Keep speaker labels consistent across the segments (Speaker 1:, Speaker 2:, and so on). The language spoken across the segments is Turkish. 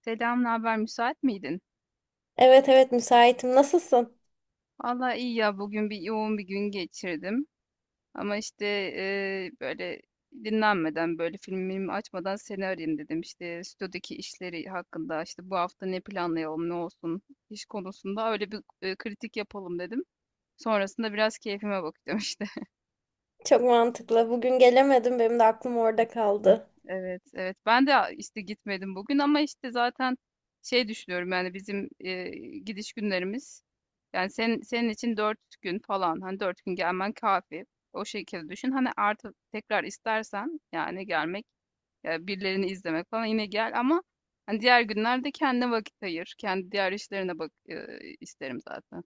Speaker 1: Selam, ne haber? Müsait miydin?
Speaker 2: Evet evet müsaitim. Nasılsın?
Speaker 1: Vallahi iyi ya, bugün yoğun bir gün geçirdim. Ama işte böyle dinlenmeden, böyle filmimi açmadan seni arayayım dedim. İşte stüdyodaki işleri hakkında, işte bu hafta ne planlayalım, ne olsun iş konusunda öyle bir kritik yapalım dedim. Sonrasında biraz keyfime bakacağım işte.
Speaker 2: Çok mantıklı. Bugün gelemedim. Benim de aklım orada kaldı.
Speaker 1: Evet, evet. Ben de işte gitmedim bugün ama işte zaten şey düşünüyorum, yani bizim gidiş günlerimiz, yani senin için dört gün falan, hani dört gün gelmen kafi. O şekilde düşün. Hani artı tekrar istersen, yani gelmek ya birilerini izlemek falan, yine gel ama hani diğer günlerde kendine vakit ayır. Kendi diğer işlerine bak, isterim zaten.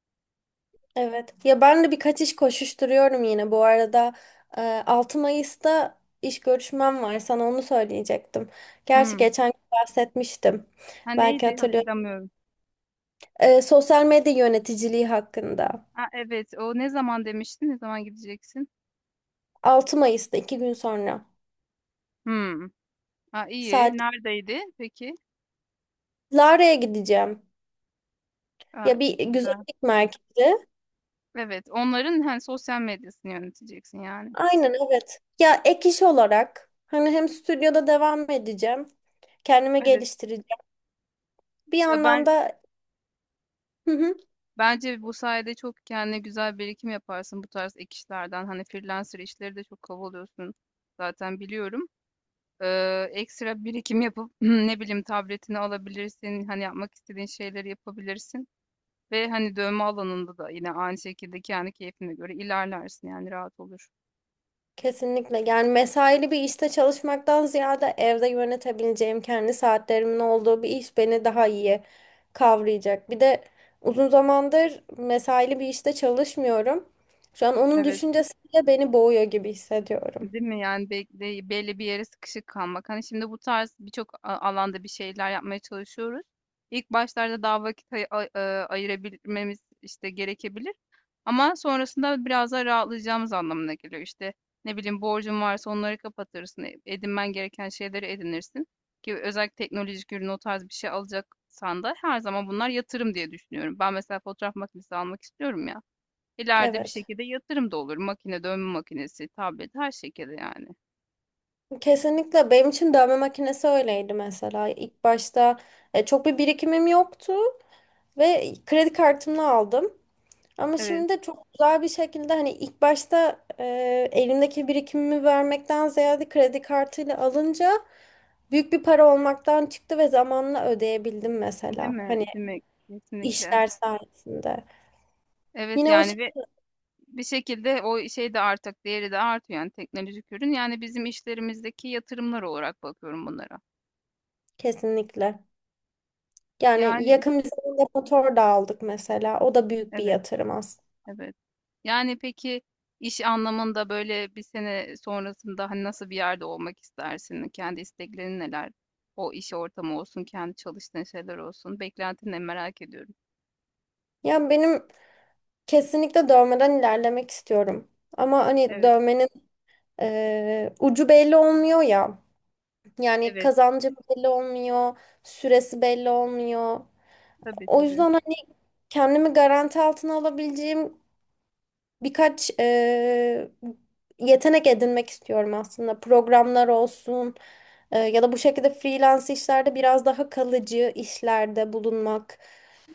Speaker 2: Evet. Ya ben de birkaç iş koşuşturuyorum yine. Bu arada 6 Mayıs'ta iş görüşmem var. Sana onu söyleyecektim. Gerçi
Speaker 1: Hmm.
Speaker 2: geçen gün bahsetmiştim.
Speaker 1: Ha,
Speaker 2: Belki
Speaker 1: neydi
Speaker 2: hatırlıyorum.
Speaker 1: hatırlamıyorum.
Speaker 2: Sosyal medya yöneticiliği hakkında.
Speaker 1: Ha, evet, o ne zaman demiştin? Ne zaman gideceksin?
Speaker 2: 6 Mayıs'ta iki gün sonra.
Speaker 1: Hmm. Ha, iyi.
Speaker 2: Saat
Speaker 1: Neredeydi peki?
Speaker 2: Lara'ya gideceğim.
Speaker 1: Ha,
Speaker 2: Ya bir
Speaker 1: güzel.
Speaker 2: güzellik merkezi.
Speaker 1: Evet. Onların hani sosyal medyasını yöneteceksin yani.
Speaker 2: Aynen evet. Ya ek iş olarak hani hem stüdyoda devam edeceğim. Kendimi
Speaker 1: Evet.
Speaker 2: geliştireceğim. Bir
Speaker 1: Ya,
Speaker 2: yandan da. Hı hı.
Speaker 1: bence bu sayede çok kendine güzel birikim yaparsın bu tarz ek işlerden. Hani freelancer işleri de çok kovalıyorsun. Zaten biliyorum. Ekstra birikim yapıp ne bileyim tabletini alabilirsin. Hani yapmak istediğin şeyleri yapabilirsin. Ve hani dövme alanında da yine aynı şekilde kendi keyfine göre ilerlersin, yani rahat olur.
Speaker 2: Kesinlikle yani mesaili bir işte çalışmaktan ziyade evde yönetebileceğim kendi saatlerimin olduğu bir iş beni daha iyi kavrayacak. Bir de uzun zamandır mesaili bir işte çalışmıyorum. Şu an onun
Speaker 1: Evet.
Speaker 2: düşüncesiyle beni boğuyor gibi hissediyorum.
Speaker 1: Değil mi? Yani belli bir yere sıkışık kalmak. Hani şimdi bu tarz birçok alanda bir şeyler yapmaya çalışıyoruz. İlk başlarda daha vakit ayırabilmemiz işte gerekebilir. Ama sonrasında biraz daha rahatlayacağımız anlamına geliyor. İşte ne bileyim, borcun varsa onları kapatırsın. Edinmen gereken şeyleri edinirsin. Ki özellikle teknolojik ürün, o tarz bir şey alacaksan da her zaman bunlar yatırım diye düşünüyorum. Ben mesela fotoğraf makinesi almak istiyorum ya. İleride bir
Speaker 2: Evet.
Speaker 1: şekilde yatırım da olur. Makine, dövme makinesi, tablet, her şekilde yani.
Speaker 2: Kesinlikle benim için dövme makinesi öyleydi mesela. İlk başta çok bir birikimim yoktu ve kredi kartımla aldım. Ama
Speaker 1: Evet,
Speaker 2: şimdi çok güzel bir şekilde hani ilk başta elimdeki birikimimi vermekten ziyade kredi kartıyla alınca büyük bir para olmaktan çıktı ve zamanla ödeyebildim
Speaker 1: değil
Speaker 2: mesela.
Speaker 1: mi?
Speaker 2: Hani
Speaker 1: Değil mi? Kesinlikle.
Speaker 2: işler sayesinde.
Speaker 1: Evet
Speaker 2: Yine o
Speaker 1: yani,
Speaker 2: şey
Speaker 1: ve bir şekilde o şey de artık değeri de artıyor, yani teknolojik ürün. Yani bizim işlerimizdeki yatırımlar olarak bakıyorum bunlara.
Speaker 2: kesinlikle. Yani
Speaker 1: Yani
Speaker 2: yakın bir zamanda motor da aldık mesela. O da büyük bir
Speaker 1: evet,
Speaker 2: yatırım aslında.
Speaker 1: evet. Yani peki, iş anlamında böyle bir sene sonrasında hani nasıl bir yerde olmak istersin? Kendi isteklerin neler? O iş ortamı olsun, kendi çalıştığın şeyler olsun. Beklentini merak ediyorum.
Speaker 2: Ya benim. Kesinlikle dövmeden ilerlemek istiyorum. Ama hani
Speaker 1: Evet,
Speaker 2: dövmenin ucu belli olmuyor ya. Yani
Speaker 1: evet.
Speaker 2: kazancı belli olmuyor, süresi belli olmuyor.
Speaker 1: Tabii,
Speaker 2: O
Speaker 1: tabii.
Speaker 2: yüzden hani kendimi garanti altına alabileceğim birkaç yetenek edinmek istiyorum aslında. Programlar olsun ya da bu şekilde freelance işlerde biraz daha kalıcı işlerde bulunmak.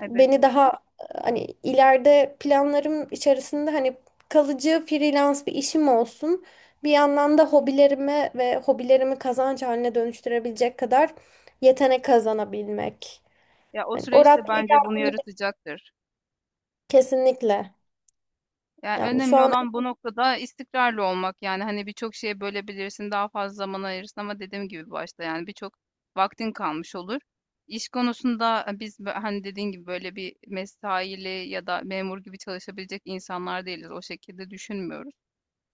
Speaker 1: Evet,
Speaker 2: Beni
Speaker 1: evet.
Speaker 2: daha hani ileride planlarım içerisinde hani kalıcı freelance bir işim olsun. Bir yandan da hobilerime ve hobilerimi kazanç haline dönüştürebilecek kadar yetenek kazanabilmek.
Speaker 1: Ya, o
Speaker 2: Hani o
Speaker 1: süreçte
Speaker 2: raddeye
Speaker 1: bence bunu
Speaker 2: geldiğimde
Speaker 1: yaratacaktır.
Speaker 2: kesinlikle.
Speaker 1: Yani
Speaker 2: Yani şu
Speaker 1: önemli
Speaker 2: an.
Speaker 1: olan bu noktada istikrarlı olmak. Yani hani birçok şeye bölebilirsin, daha fazla zaman ayırırsın, ama dediğim gibi başta, yani birçok vaktin kalmış olur. İş konusunda biz hani dediğin gibi böyle bir mesaili ya da memur gibi çalışabilecek insanlar değiliz. O şekilde düşünmüyoruz.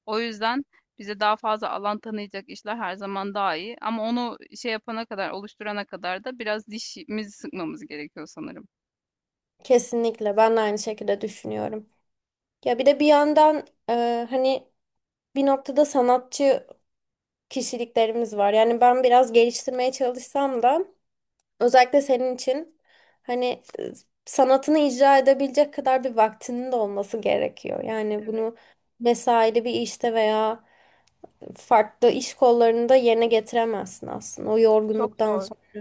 Speaker 1: O yüzden bize daha fazla alan tanıyacak işler her zaman daha iyi. Ama onu şey yapana kadar, oluşturana kadar da biraz dişimizi sıkmamız gerekiyor sanırım.
Speaker 2: Kesinlikle ben de aynı şekilde düşünüyorum. Ya bir de bir yandan hani bir noktada sanatçı kişiliklerimiz var. Yani ben biraz geliştirmeye çalışsam da özellikle senin için hani e, sanatını icra edebilecek kadar bir vaktinin de olması gerekiyor. Yani
Speaker 1: Evet.
Speaker 2: bunu mesaili bir işte veya farklı iş kollarında yerine getiremezsin aslında o
Speaker 1: Çok
Speaker 2: yorgunluktan
Speaker 1: zor.
Speaker 2: sonra.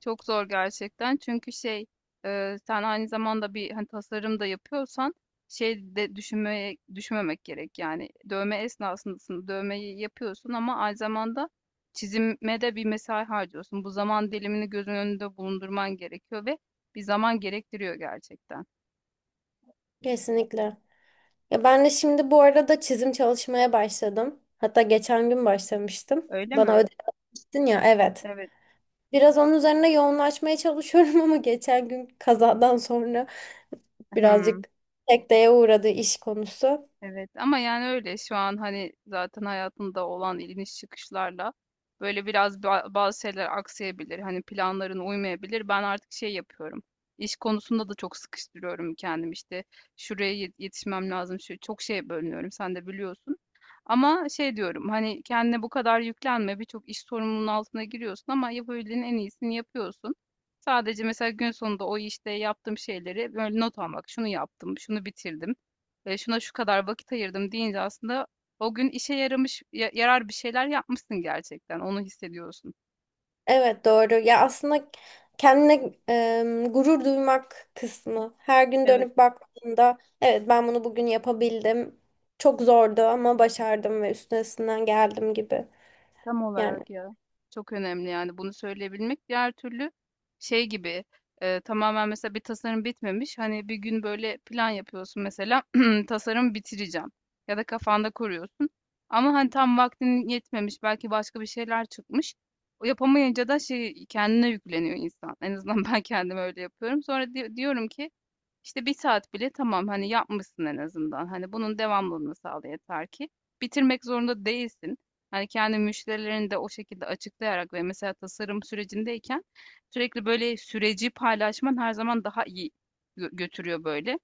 Speaker 1: Çok zor gerçekten. Çünkü şey, sen aynı zamanda bir hani tasarım da yapıyorsan, şey de düşünmeye düşünmemek gerek. Yani dövme esnasındasın. Dövmeyi yapıyorsun ama aynı zamanda çizime de bir mesai harcıyorsun. Bu zaman dilimini gözün önünde bulundurman gerekiyor ve bir zaman gerektiriyor gerçekten.
Speaker 2: Kesinlikle. Ya ben de şimdi bu arada çizim çalışmaya başladım. Hatta geçen gün başlamıştım.
Speaker 1: Öyle
Speaker 2: Bana
Speaker 1: mi?
Speaker 2: ödev atmıştın ya, evet.
Speaker 1: Evet.
Speaker 2: Biraz onun üzerine yoğunlaşmaya çalışıyorum ama geçen gün kazadan sonra
Speaker 1: Hmm.
Speaker 2: birazcık sekteye uğradı iş konusu.
Speaker 1: Evet, ama yani öyle şu an hani zaten hayatında olan iniş çıkışlarla böyle biraz bazı şeyler aksayabilir. Hani planların uymayabilir. Ben artık şey yapıyorum. İş konusunda da çok sıkıştırıyorum kendim işte. Şuraya yetişmem lazım. Şu çok şeye bölünüyorum. Sen de biliyorsun. Ama şey diyorum, hani kendine bu kadar yüklenme. Birçok iş sorumluluğunun altına giriyorsun ama yapabildiğin en iyisini yapıyorsun. Sadece mesela gün sonunda o işte yaptığım şeyleri böyle not almak. Şunu yaptım, şunu bitirdim, şuna şu kadar vakit ayırdım deyince aslında o gün işe yaramış, yarar bir şeyler yapmışsın gerçekten. Onu hissediyorsun.
Speaker 2: Evet doğru. Ya aslında kendine gurur duymak kısmı. Her gün
Speaker 1: Evet,
Speaker 2: dönüp baktığında evet ben bunu bugün yapabildim. Çok zordu ama başardım ve üstesinden geldim gibi.
Speaker 1: tam
Speaker 2: Yani.
Speaker 1: olarak ya. Çok önemli yani bunu söyleyebilmek. Diğer türlü şey gibi, tamamen mesela bir tasarım bitmemiş. Hani bir gün böyle plan yapıyorsun mesela tasarım bitireceğim ya da kafanda kuruyorsun. Ama hani tam vaktin yetmemiş, belki başka bir şeyler çıkmış. O yapamayınca da şey kendine yükleniyor insan. En azından ben kendim öyle yapıyorum. Sonra diyorum ki, İşte bir saat bile tamam, hani, yapmışsın en azından. Hani bunun devamlılığını sağla, yeter ki bitirmek zorunda değilsin. Hani kendi müşterilerini de o şekilde açıklayarak, ve mesela tasarım sürecindeyken sürekli böyle süreci paylaşman her zaman daha iyi götürüyor böyle.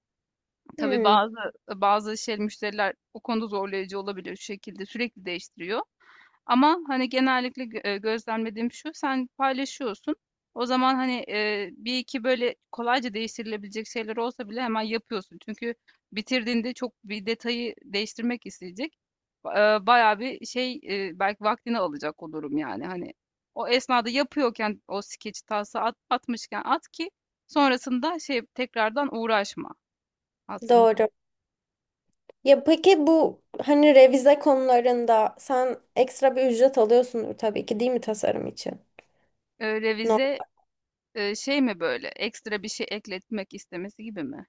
Speaker 1: Tabii
Speaker 2: Hmm.
Speaker 1: bazı şey müşteriler o konuda zorlayıcı olabiliyor, şu şekilde sürekli değiştiriyor. Ama hani genellikle gözlemlediğim şu, sen paylaşıyorsun. O zaman hani bir iki böyle kolayca değiştirilebilecek şeyler olsa bile hemen yapıyorsun. Çünkü bitirdiğinde çok bir detayı değiştirmek isteyecek. Bayağı bir şey, belki vaktini alacak o durum yani. Hani o esnada yapıyorken o skeç tası atmışken at ki sonrasında şey tekrardan uğraşma aslında.
Speaker 2: Doğru. Ya peki bu hani revize konularında sen ekstra bir ücret alıyorsundur tabii ki değil mi tasarım için? No.
Speaker 1: Revize, şey mi böyle, ekstra bir şey ekletmek istemesi gibi mi?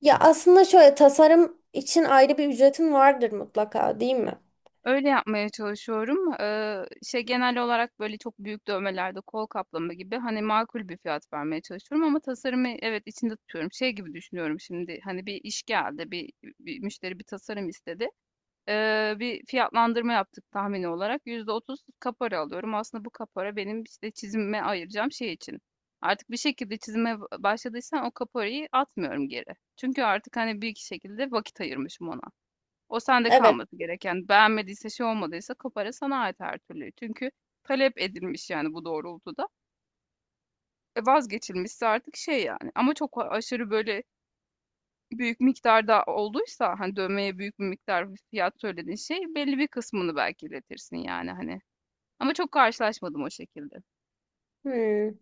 Speaker 2: Ya aslında şöyle tasarım için ayrı bir ücretin vardır mutlaka değil mi?
Speaker 1: Öyle yapmaya çalışıyorum. Şey, genel olarak böyle çok büyük dövmelerde kol kaplama gibi hani makul bir fiyat vermeye çalışıyorum ama tasarımı, evet, içinde tutuyorum. Şey gibi düşünüyorum, şimdi hani bir iş geldi, bir müşteri bir tasarım istedi. Bir fiyatlandırma yaptık tahmini olarak. %30 kapora alıyorum. Aslında bu kapora benim işte çizime ayıracağım şey için. Artık bir şekilde çizime başladıysam o kaporayı atmıyorum geri. Çünkü artık hani bir iki şekilde vakit ayırmışım ona. O sende
Speaker 2: Evet.
Speaker 1: kalması gereken. Beğenmediyse, şey olmadıysa, kapora sana ait her türlü. Çünkü talep edilmiş yani bu doğrultuda. E, vazgeçilmişse artık şey yani. Ama çok aşırı böyle büyük miktarda olduysa, hani, dövmeye büyük bir miktar bir fiyat söylediğin şey, belli bir kısmını belki iletirsin yani, hani. Ama çok karşılaşmadım o şekilde.
Speaker 2: Hmm.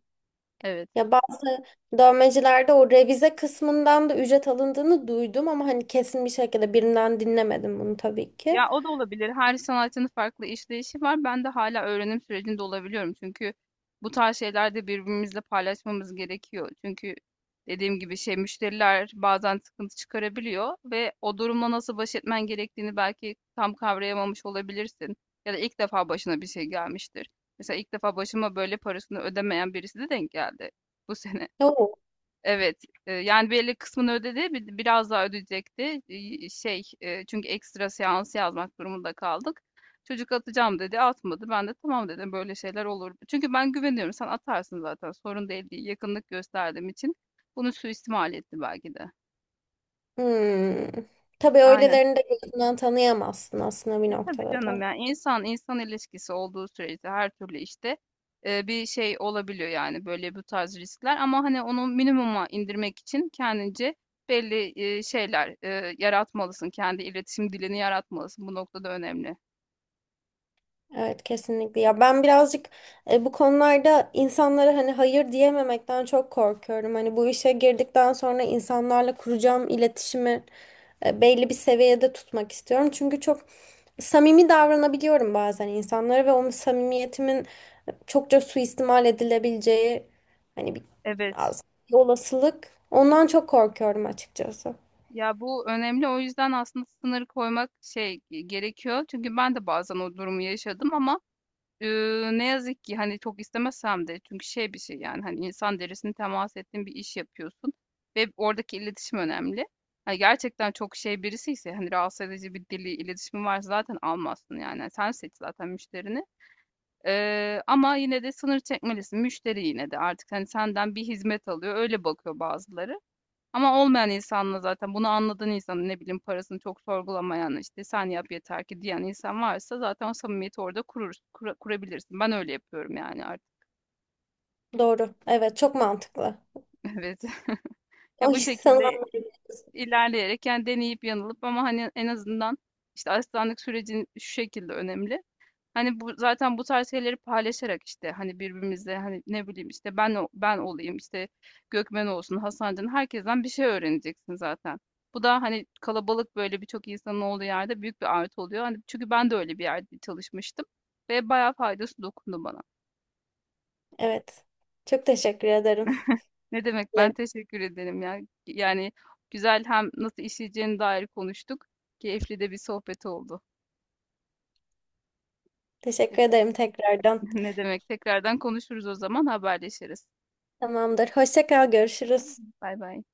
Speaker 1: Evet.
Speaker 2: Ya bazı dövmecilerde o revize kısmından da ücret alındığını duydum ama hani kesin bir şekilde birinden dinlemedim bunu tabii ki.
Speaker 1: Ya, o da olabilir. Her sanatçının farklı işleyişi var. Ben de hala öğrenim sürecinde olabiliyorum. Çünkü bu tarz şeyler de birbirimizle paylaşmamız gerekiyor. Çünkü dediğim gibi şey müşteriler bazen sıkıntı çıkarabiliyor ve o durumla nasıl baş etmen gerektiğini belki tam kavrayamamış olabilirsin. Ya da ilk defa başına bir şey gelmiştir. Mesela ilk defa başıma böyle parasını ödemeyen birisi de denk geldi bu sene.
Speaker 2: Yok.
Speaker 1: Evet, yani belli kısmını ödedi, biraz daha ödeyecekti. Şey, çünkü ekstra seans yazmak durumunda kaldık. Çocuk atacağım dedi, atmadı. Ben de tamam dedim, böyle şeyler olur. Çünkü ben güveniyorum, sen atarsın zaten, sorun değil diye yakınlık gösterdiğim için bunu suistimal etti belki de.
Speaker 2: Hmm. Tabii
Speaker 1: Aynen.
Speaker 2: öylelerini de gözünden tanıyamazsın aslında bir
Speaker 1: E, tabii
Speaker 2: noktada
Speaker 1: canım,
Speaker 2: da.
Speaker 1: yani insan insan ilişkisi olduğu sürece her türlü işte bir şey olabiliyor, yani böyle bu tarz riskler, ama hani onu minimuma indirmek için kendince belli şeyler yaratmalısın. Kendi iletişim dilini yaratmalısın. Bu noktada önemli.
Speaker 2: Evet kesinlikle ya ben birazcık bu konularda insanlara hani hayır diyememekten çok korkuyorum. Hani bu işe girdikten sonra insanlarla kuracağım iletişimi belli bir seviyede tutmak istiyorum. Çünkü çok samimi davranabiliyorum bazen insanlara ve o samimiyetimin çokça suistimal edilebileceği hani bir
Speaker 1: Evet.
Speaker 2: az bir olasılık. Ondan çok korkuyorum açıkçası.
Speaker 1: Ya, bu önemli. O yüzden aslında sınır koymak şey gerekiyor. Çünkü ben de bazen o durumu yaşadım ama ne yazık ki hani çok istemesem de, çünkü şey bir şey yani, hani insan derisine temas ettiğin bir iş yapıyorsun ve oradaki iletişim önemli. Hani gerçekten çok şey birisi ise, hani rahatsız edici bir dili, iletişimi varsa zaten almazsın yani. Yani sen seç zaten müşterini. Ama yine de sınır çekmelisin. Müşteri yine de artık hani senden bir hizmet alıyor, öyle bakıyor bazıları. Ama olmayan insanla zaten, bunu anladığın insan ne bileyim, parasını çok sorgulamayan, işte sen yap yeter ki diyen insan varsa, zaten o samimiyeti orada kurabilirsin. Ben öyle yapıyorum yani artık.
Speaker 2: Doğru. Evet çok mantıklı.
Speaker 1: Evet.
Speaker 2: O
Speaker 1: Ya bu
Speaker 2: insanlar.
Speaker 1: şekilde ilerleyerek, yani deneyip yanılıp, ama hani en azından işte asistanlık sürecin şu şekilde önemli. Hani bu zaten bu tarz şeyleri paylaşarak, işte hani birbirimizle, hani ne bileyim işte, ben olayım işte, Gökmen olsun, Hasancan, herkesten bir şey öğreneceksin zaten. Bu da hani kalabalık, böyle birçok insanın olduğu yerde büyük bir artı oluyor. Hani çünkü ben de öyle bir yerde çalışmıştım ve bayağı faydası dokundu bana.
Speaker 2: Evet. Çok teşekkür ederim.
Speaker 1: Ne demek, ben teşekkür ederim ya. Yani güzel, hem nasıl işleyeceğine dair konuştuk. Keyifli de bir sohbet oldu.
Speaker 2: Teşekkür
Speaker 1: Tekrar,
Speaker 2: ederim tekrardan.
Speaker 1: ne demek, tekrardan konuşuruz o zaman, haberleşiriz.
Speaker 2: Tamamdır. Hoşça kal, görüşürüz.
Speaker 1: Bay bay.